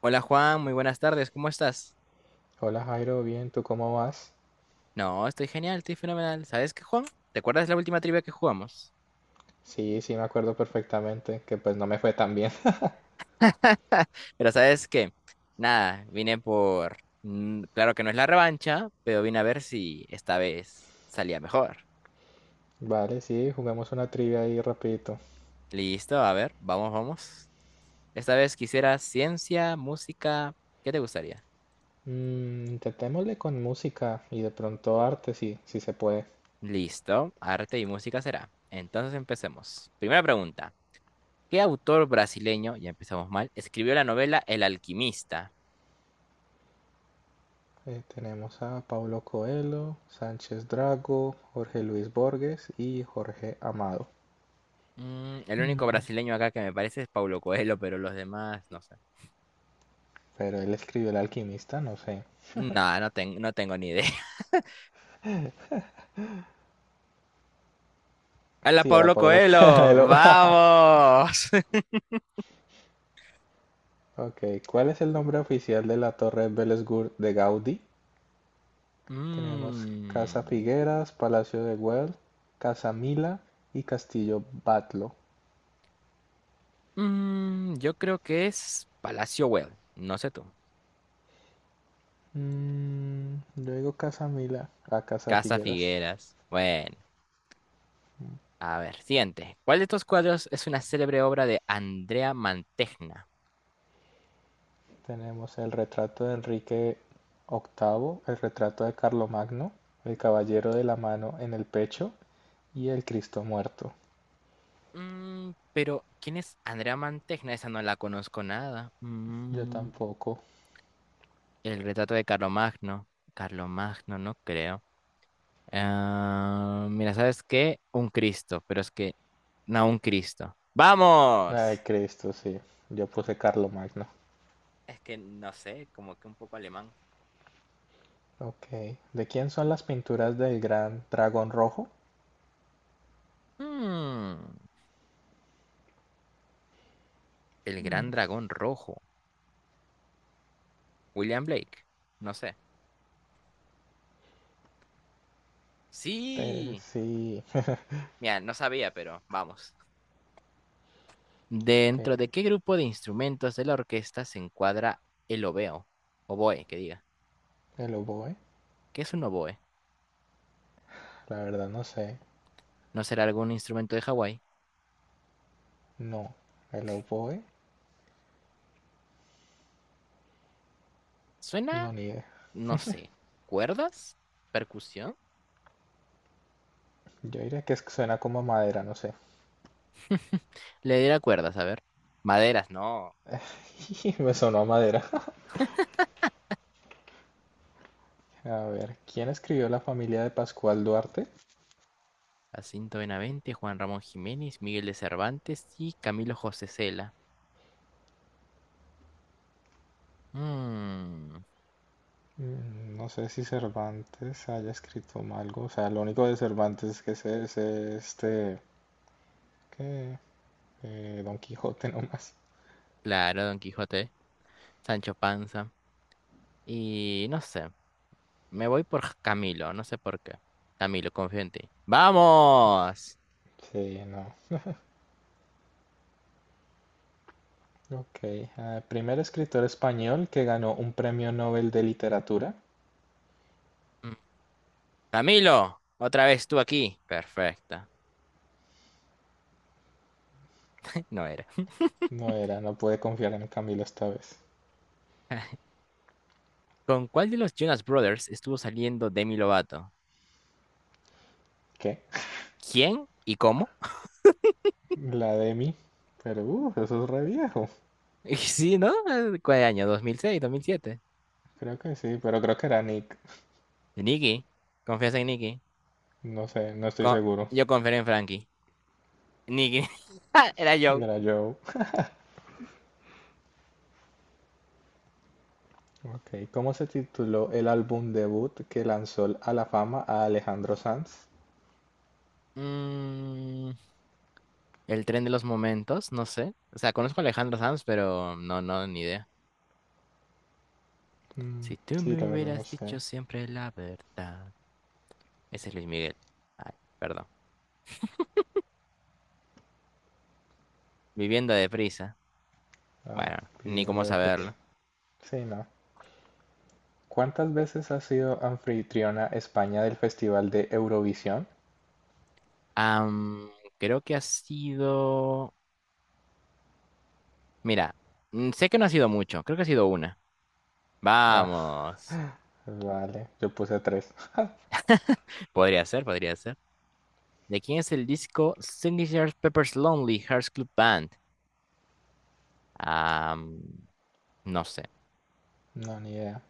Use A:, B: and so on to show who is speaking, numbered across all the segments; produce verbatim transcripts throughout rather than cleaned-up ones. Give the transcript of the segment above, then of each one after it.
A: Hola Juan, muy buenas tardes, ¿cómo estás?
B: Hola Jairo, bien, ¿tú cómo vas?
A: No, estoy genial, estoy fenomenal. ¿Sabes qué, Juan? ¿Te acuerdas la última trivia que jugamos?
B: Sí, sí, me acuerdo perfectamente, que pues no me fue tan bien.
A: Pero ¿sabes qué? Nada, vine por... mm, Claro que no es la revancha, pero vine a ver si esta vez salía mejor.
B: Vale, sí, juguemos una trivia ahí rapidito.
A: Listo, a ver, vamos, vamos. Esta vez quisiera ciencia, música, ¿qué te gustaría?
B: Mm, intentémosle con música y de pronto arte, sí, sí se puede.
A: Listo, arte y música será. Entonces empecemos. Primera pregunta. ¿Qué autor brasileño, ya empezamos mal, escribió la novela El alquimista?
B: Eh, tenemos a Paulo Coelho, Sánchez Drago, Jorge Luis Borges y Jorge Amado.
A: Mm, el único brasileño acá que me parece es Paulo Coelho, pero los demás no sé.
B: Pero él escribió El Alquimista, no sé.
A: No, no, ten- no tengo ni idea. ¡Hola,
B: Sí, era
A: Paulo
B: Paulo
A: Coelho!
B: Coelho.
A: ¡Vamos!
B: Ok, ¿cuál es el nombre oficial de la Torre Bellesgur de Gaudí? Tenemos Casa
A: Mm,
B: Figueras, Palacio de Güell, Casa Mila y Castillo Batlo.
A: mm, yo creo que es Palacio Güell. No sé tú.
B: Mm, yo digo Casa Mila a Casa
A: Casa
B: Figueras.
A: Figueras. Bueno, a ver, siguiente. ¿Cuál de estos cuadros es una célebre obra de Andrea Mantegna?
B: Tenemos el retrato de Enrique octavo, el retrato de Carlomagno, el Caballero de la Mano en el Pecho y el Cristo Muerto.
A: Mm, pero, ¿quién es Andrea Mantegna? Esa no la conozco nada.
B: Yo
A: Mm,
B: tampoco.
A: El retrato de Carlomagno. Carlomagno, no creo. Ah, mira, ¿sabes qué? Un Cristo, pero es que no un Cristo.
B: Ay,
A: ¡Vamos!
B: Cristo, sí. Yo puse Carlomagno.
A: Es que no sé, como que un poco alemán.
B: Ok. ¿De quién son las pinturas del gran dragón rojo?
A: Mm, el gran dragón rojo. William Blake. No sé.
B: Eh,
A: Sí.
B: sí.
A: Mira, no sabía, pero vamos.
B: Ok.
A: ¿Dentro de qué grupo de instrumentos de la orquesta se encuadra el obeo? Oboe, que diga.
B: El oboe.
A: ¿Qué es un oboe?
B: La verdad no sé.
A: ¿No será algún instrumento de Hawái?
B: No. El oboe, no,
A: Suena
B: ni idea.
A: no sé, cuerdas, percusión.
B: Yo diría que suena como a madera, no sé.
A: Le diera cuerdas, a ver. Maderas, no.
B: Me sonó a madera. A ver, ¿quién escribió La familia de Pascual Duarte?
A: Jacinto Benavente, Juan Ramón Jiménez, Miguel de Cervantes y Camilo José Cela. Mm,
B: Mm, No sé si Cervantes haya escrito algo. O sea, lo único de Cervantes que sé es este... ¿Qué? Eh, Don Quijote nomás.
A: claro, Don Quijote, Sancho Panza. Y no sé, me voy por Ja, Camilo, no sé por qué. Camilo, confío en ti. ¡Vamos!
B: Sí, no. Ok. Ah, primer escritor español que ganó un premio Nobel de literatura.
A: Mm, Camilo, otra vez tú aquí. Perfecta. No era.
B: No era, no pude confiar en Camilo esta vez.
A: ¿Con cuál de los Jonas Brothers estuvo saliendo Demi Lovato?
B: ¿Qué?
A: ¿Quién y cómo?
B: La demi. Pero, uh, eso es re viejo.
A: Y sí, ¿no? Eh, ¿Cuál año? dos dos mil seis, dos mil siete.
B: Creo que sí, pero creo que era Nick.
A: Nicky. Confianza en Nicky.
B: No sé, no estoy
A: Co-
B: seguro.
A: yo confiero en Frankie. Nicky. Era yo.
B: Era Joe. Ok, ¿cómo se tituló el álbum debut que lanzó a la fama a Alejandro Sanz?
A: Mm, el tren de los momentos, no sé. O sea, conozco a Alejandro Sanz, pero no, no, ni idea.
B: Mm,
A: Si tú
B: sí,
A: me
B: la verdad no
A: hubieras
B: sé.
A: dicho siempre la verdad. Ese es Luis Miguel. Ay, perdón. Viviendo deprisa.
B: Ah,
A: Bueno, ni
B: viviendo
A: cómo
B: de pez.
A: saberlo.
B: Sí, no. ¿Cuántas veces ha sido anfitriona España del Festival de Eurovisión?
A: Am, Creo que ha sido... Mira, mm, sé que no ha sido mucho. Creo que ha sido una.
B: Ah,
A: Vamos.
B: vale, yo puse tres.
A: Podría ser, podría ser. ¿De quién es el disco Signature Pepper's Lonely Hearts Club Band? Ah, mm, no sé.
B: No, ni idea.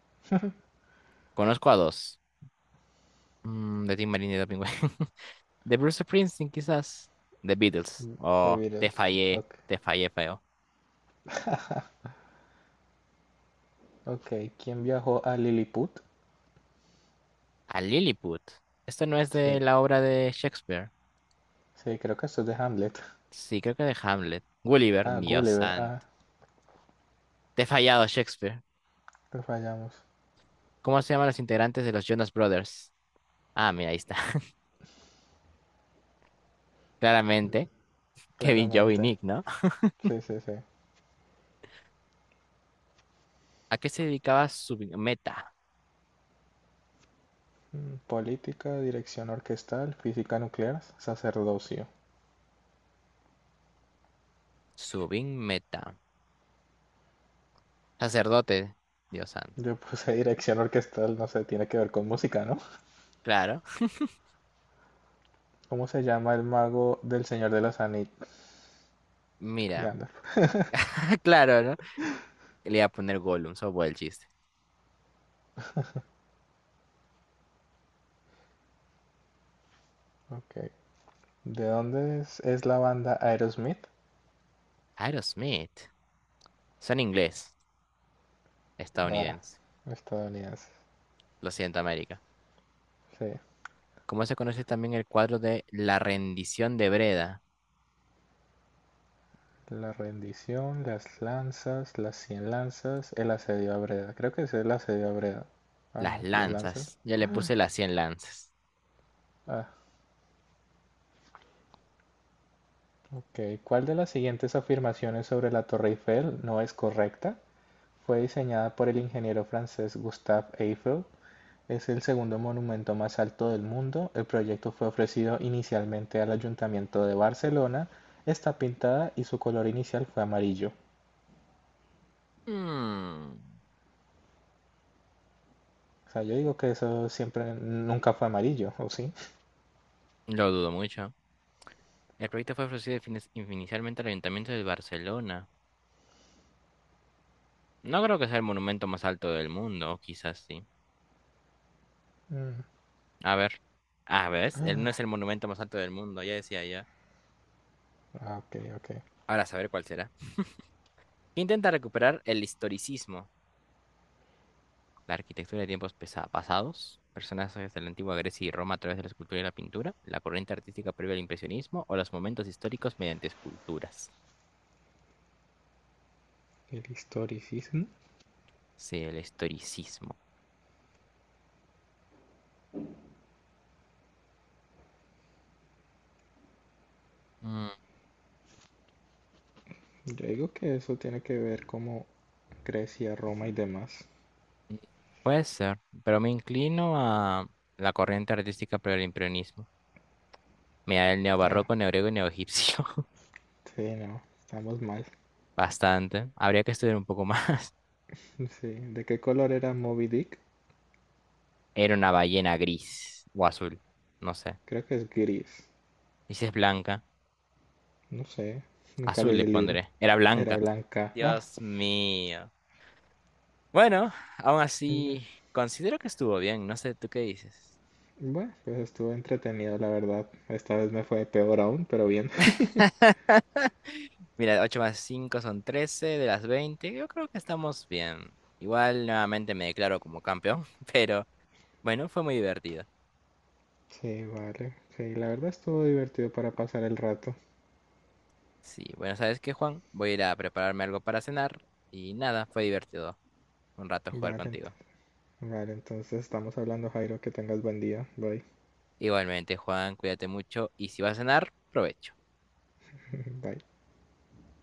A: Conozco a dos. Mm, de Tim Marine y de Pingüe. De Bruce Springsteen, quizás. The Beatles.
B: The
A: Oh, te
B: Beatles.
A: fallé.
B: Ok.
A: Te fallé feo.
B: Ok, ¿quién viajó a Lilliput?
A: A Lilliput. Esto no es de
B: Sí.
A: la obra de Shakespeare.
B: Sí, creo que esto es de Hamlet.
A: Sí, creo que de Hamlet. Gulliver,
B: Ah,
A: Dios
B: Gulliver. Ah,
A: santo. Te he fallado, Shakespeare.
B: lo fallamos,
A: ¿Cómo se llaman los integrantes de los Jonas Brothers? Ah, mira, ahí está. Claramente, Kevin, Joe y
B: claramente.
A: Nick, ¿no?
B: Sí, sí, sí.
A: ¿A qué se dedicaba Subin Meta?
B: Mm, Política, dirección orquestal, física nuclear, sacerdocio.
A: Subin Meta. Sacerdote, Dios santo.
B: Yo puse dirección orquestal, no sé, tiene que ver con música, ¿no?
A: Claro.
B: ¿Cómo se llama el mago del Señor de los Anillos?
A: Mira.
B: Gandalf.
A: Claro, ¿no? Le iba a poner Gollum, eso fue el chiste.
B: Ok. ¿De dónde es, es la banda Aerosmith?
A: Aerosmith. Son inglés,
B: Ah,
A: estadounidense.
B: estadounidense.
A: Lo siento, América.
B: Sí.
A: ¿Cómo se conoce también el cuadro de La rendición de Breda?
B: La rendición, las lanzas, las cien lanzas, el asedio a Breda. Creo que es el asedio a Breda. Ah,
A: Las
B: no, las lanzas.
A: lanzas. Ya le puse las cien lanzas.
B: Ah, ok. ¿Cuál de las siguientes afirmaciones sobre la Torre Eiffel no es correcta? Fue diseñada por el ingeniero francés Gustave Eiffel. Es el segundo monumento más alto del mundo. El proyecto fue ofrecido inicialmente al Ayuntamiento de Barcelona. Está pintada y su color inicial fue amarillo.
A: Mm,
B: O sea, yo digo que eso siempre nunca fue amarillo, ¿o sí?
A: lo dudo mucho. El proyecto fue ofrecido finis inicialmente al Ayuntamiento de Barcelona. No creo que sea el monumento más alto del mundo, o quizás sí.
B: Mm,
A: A ver. Ah, ¿ves? Él no es el monumento más alto del mundo, ya decía ya.
B: Ah, ok, ok.
A: Ahora a saber cuál será. ¿Qué intenta recuperar el historicismo? La arquitectura de tiempos pesa- pasados, personajes de la antigua Grecia y Roma a través de la escultura y la pintura, la corriente artística previa al impresionismo o los momentos históricos mediante esculturas.
B: El historicismo.
A: Sí, el historicismo. Mm,
B: Yo digo que eso tiene que ver como Grecia, Roma y demás.
A: Puede ser, pero me inclino a la corriente artística previa al impresionismo. Mira, el
B: Ah,
A: neobarroco, neogrego y neoegipcio.
B: sí, no, estamos mal.
A: Bastante. Habría que estudiar un poco más.
B: Sí. ¿De qué color era Moby Dick?
A: Era una ballena gris o azul, no sé.
B: Creo que es gris.
A: Y si es blanca,
B: No sé, nunca
A: azul
B: leí
A: le
B: el libro.
A: pondré. Era
B: Era
A: blanca.
B: blanca. Ah,
A: Dios mío. Bueno, aún
B: ya.
A: así, considero que estuvo bien. No sé, ¿tú qué dices?
B: Bueno, pues estuvo entretenido, la verdad. Esta vez me fue peor aún, pero bien.
A: Mira, ocho más cinco son trece de las veinte. Yo creo que estamos bien. Igual nuevamente me declaro como campeón, pero bueno, fue muy divertido.
B: Sí, vale. Sí, la verdad estuvo divertido para pasar el rato.
A: Sí, bueno, ¿sabes qué, Juan? Voy a ir a prepararme algo para cenar y nada, fue divertido un rato jugar
B: Vale, ent-
A: contigo.
B: vale, entonces estamos hablando, Jairo, que tengas buen día. Bye.
A: Igualmente, Juan, cuídate mucho y si vas a cenar, provecho.
B: Bye.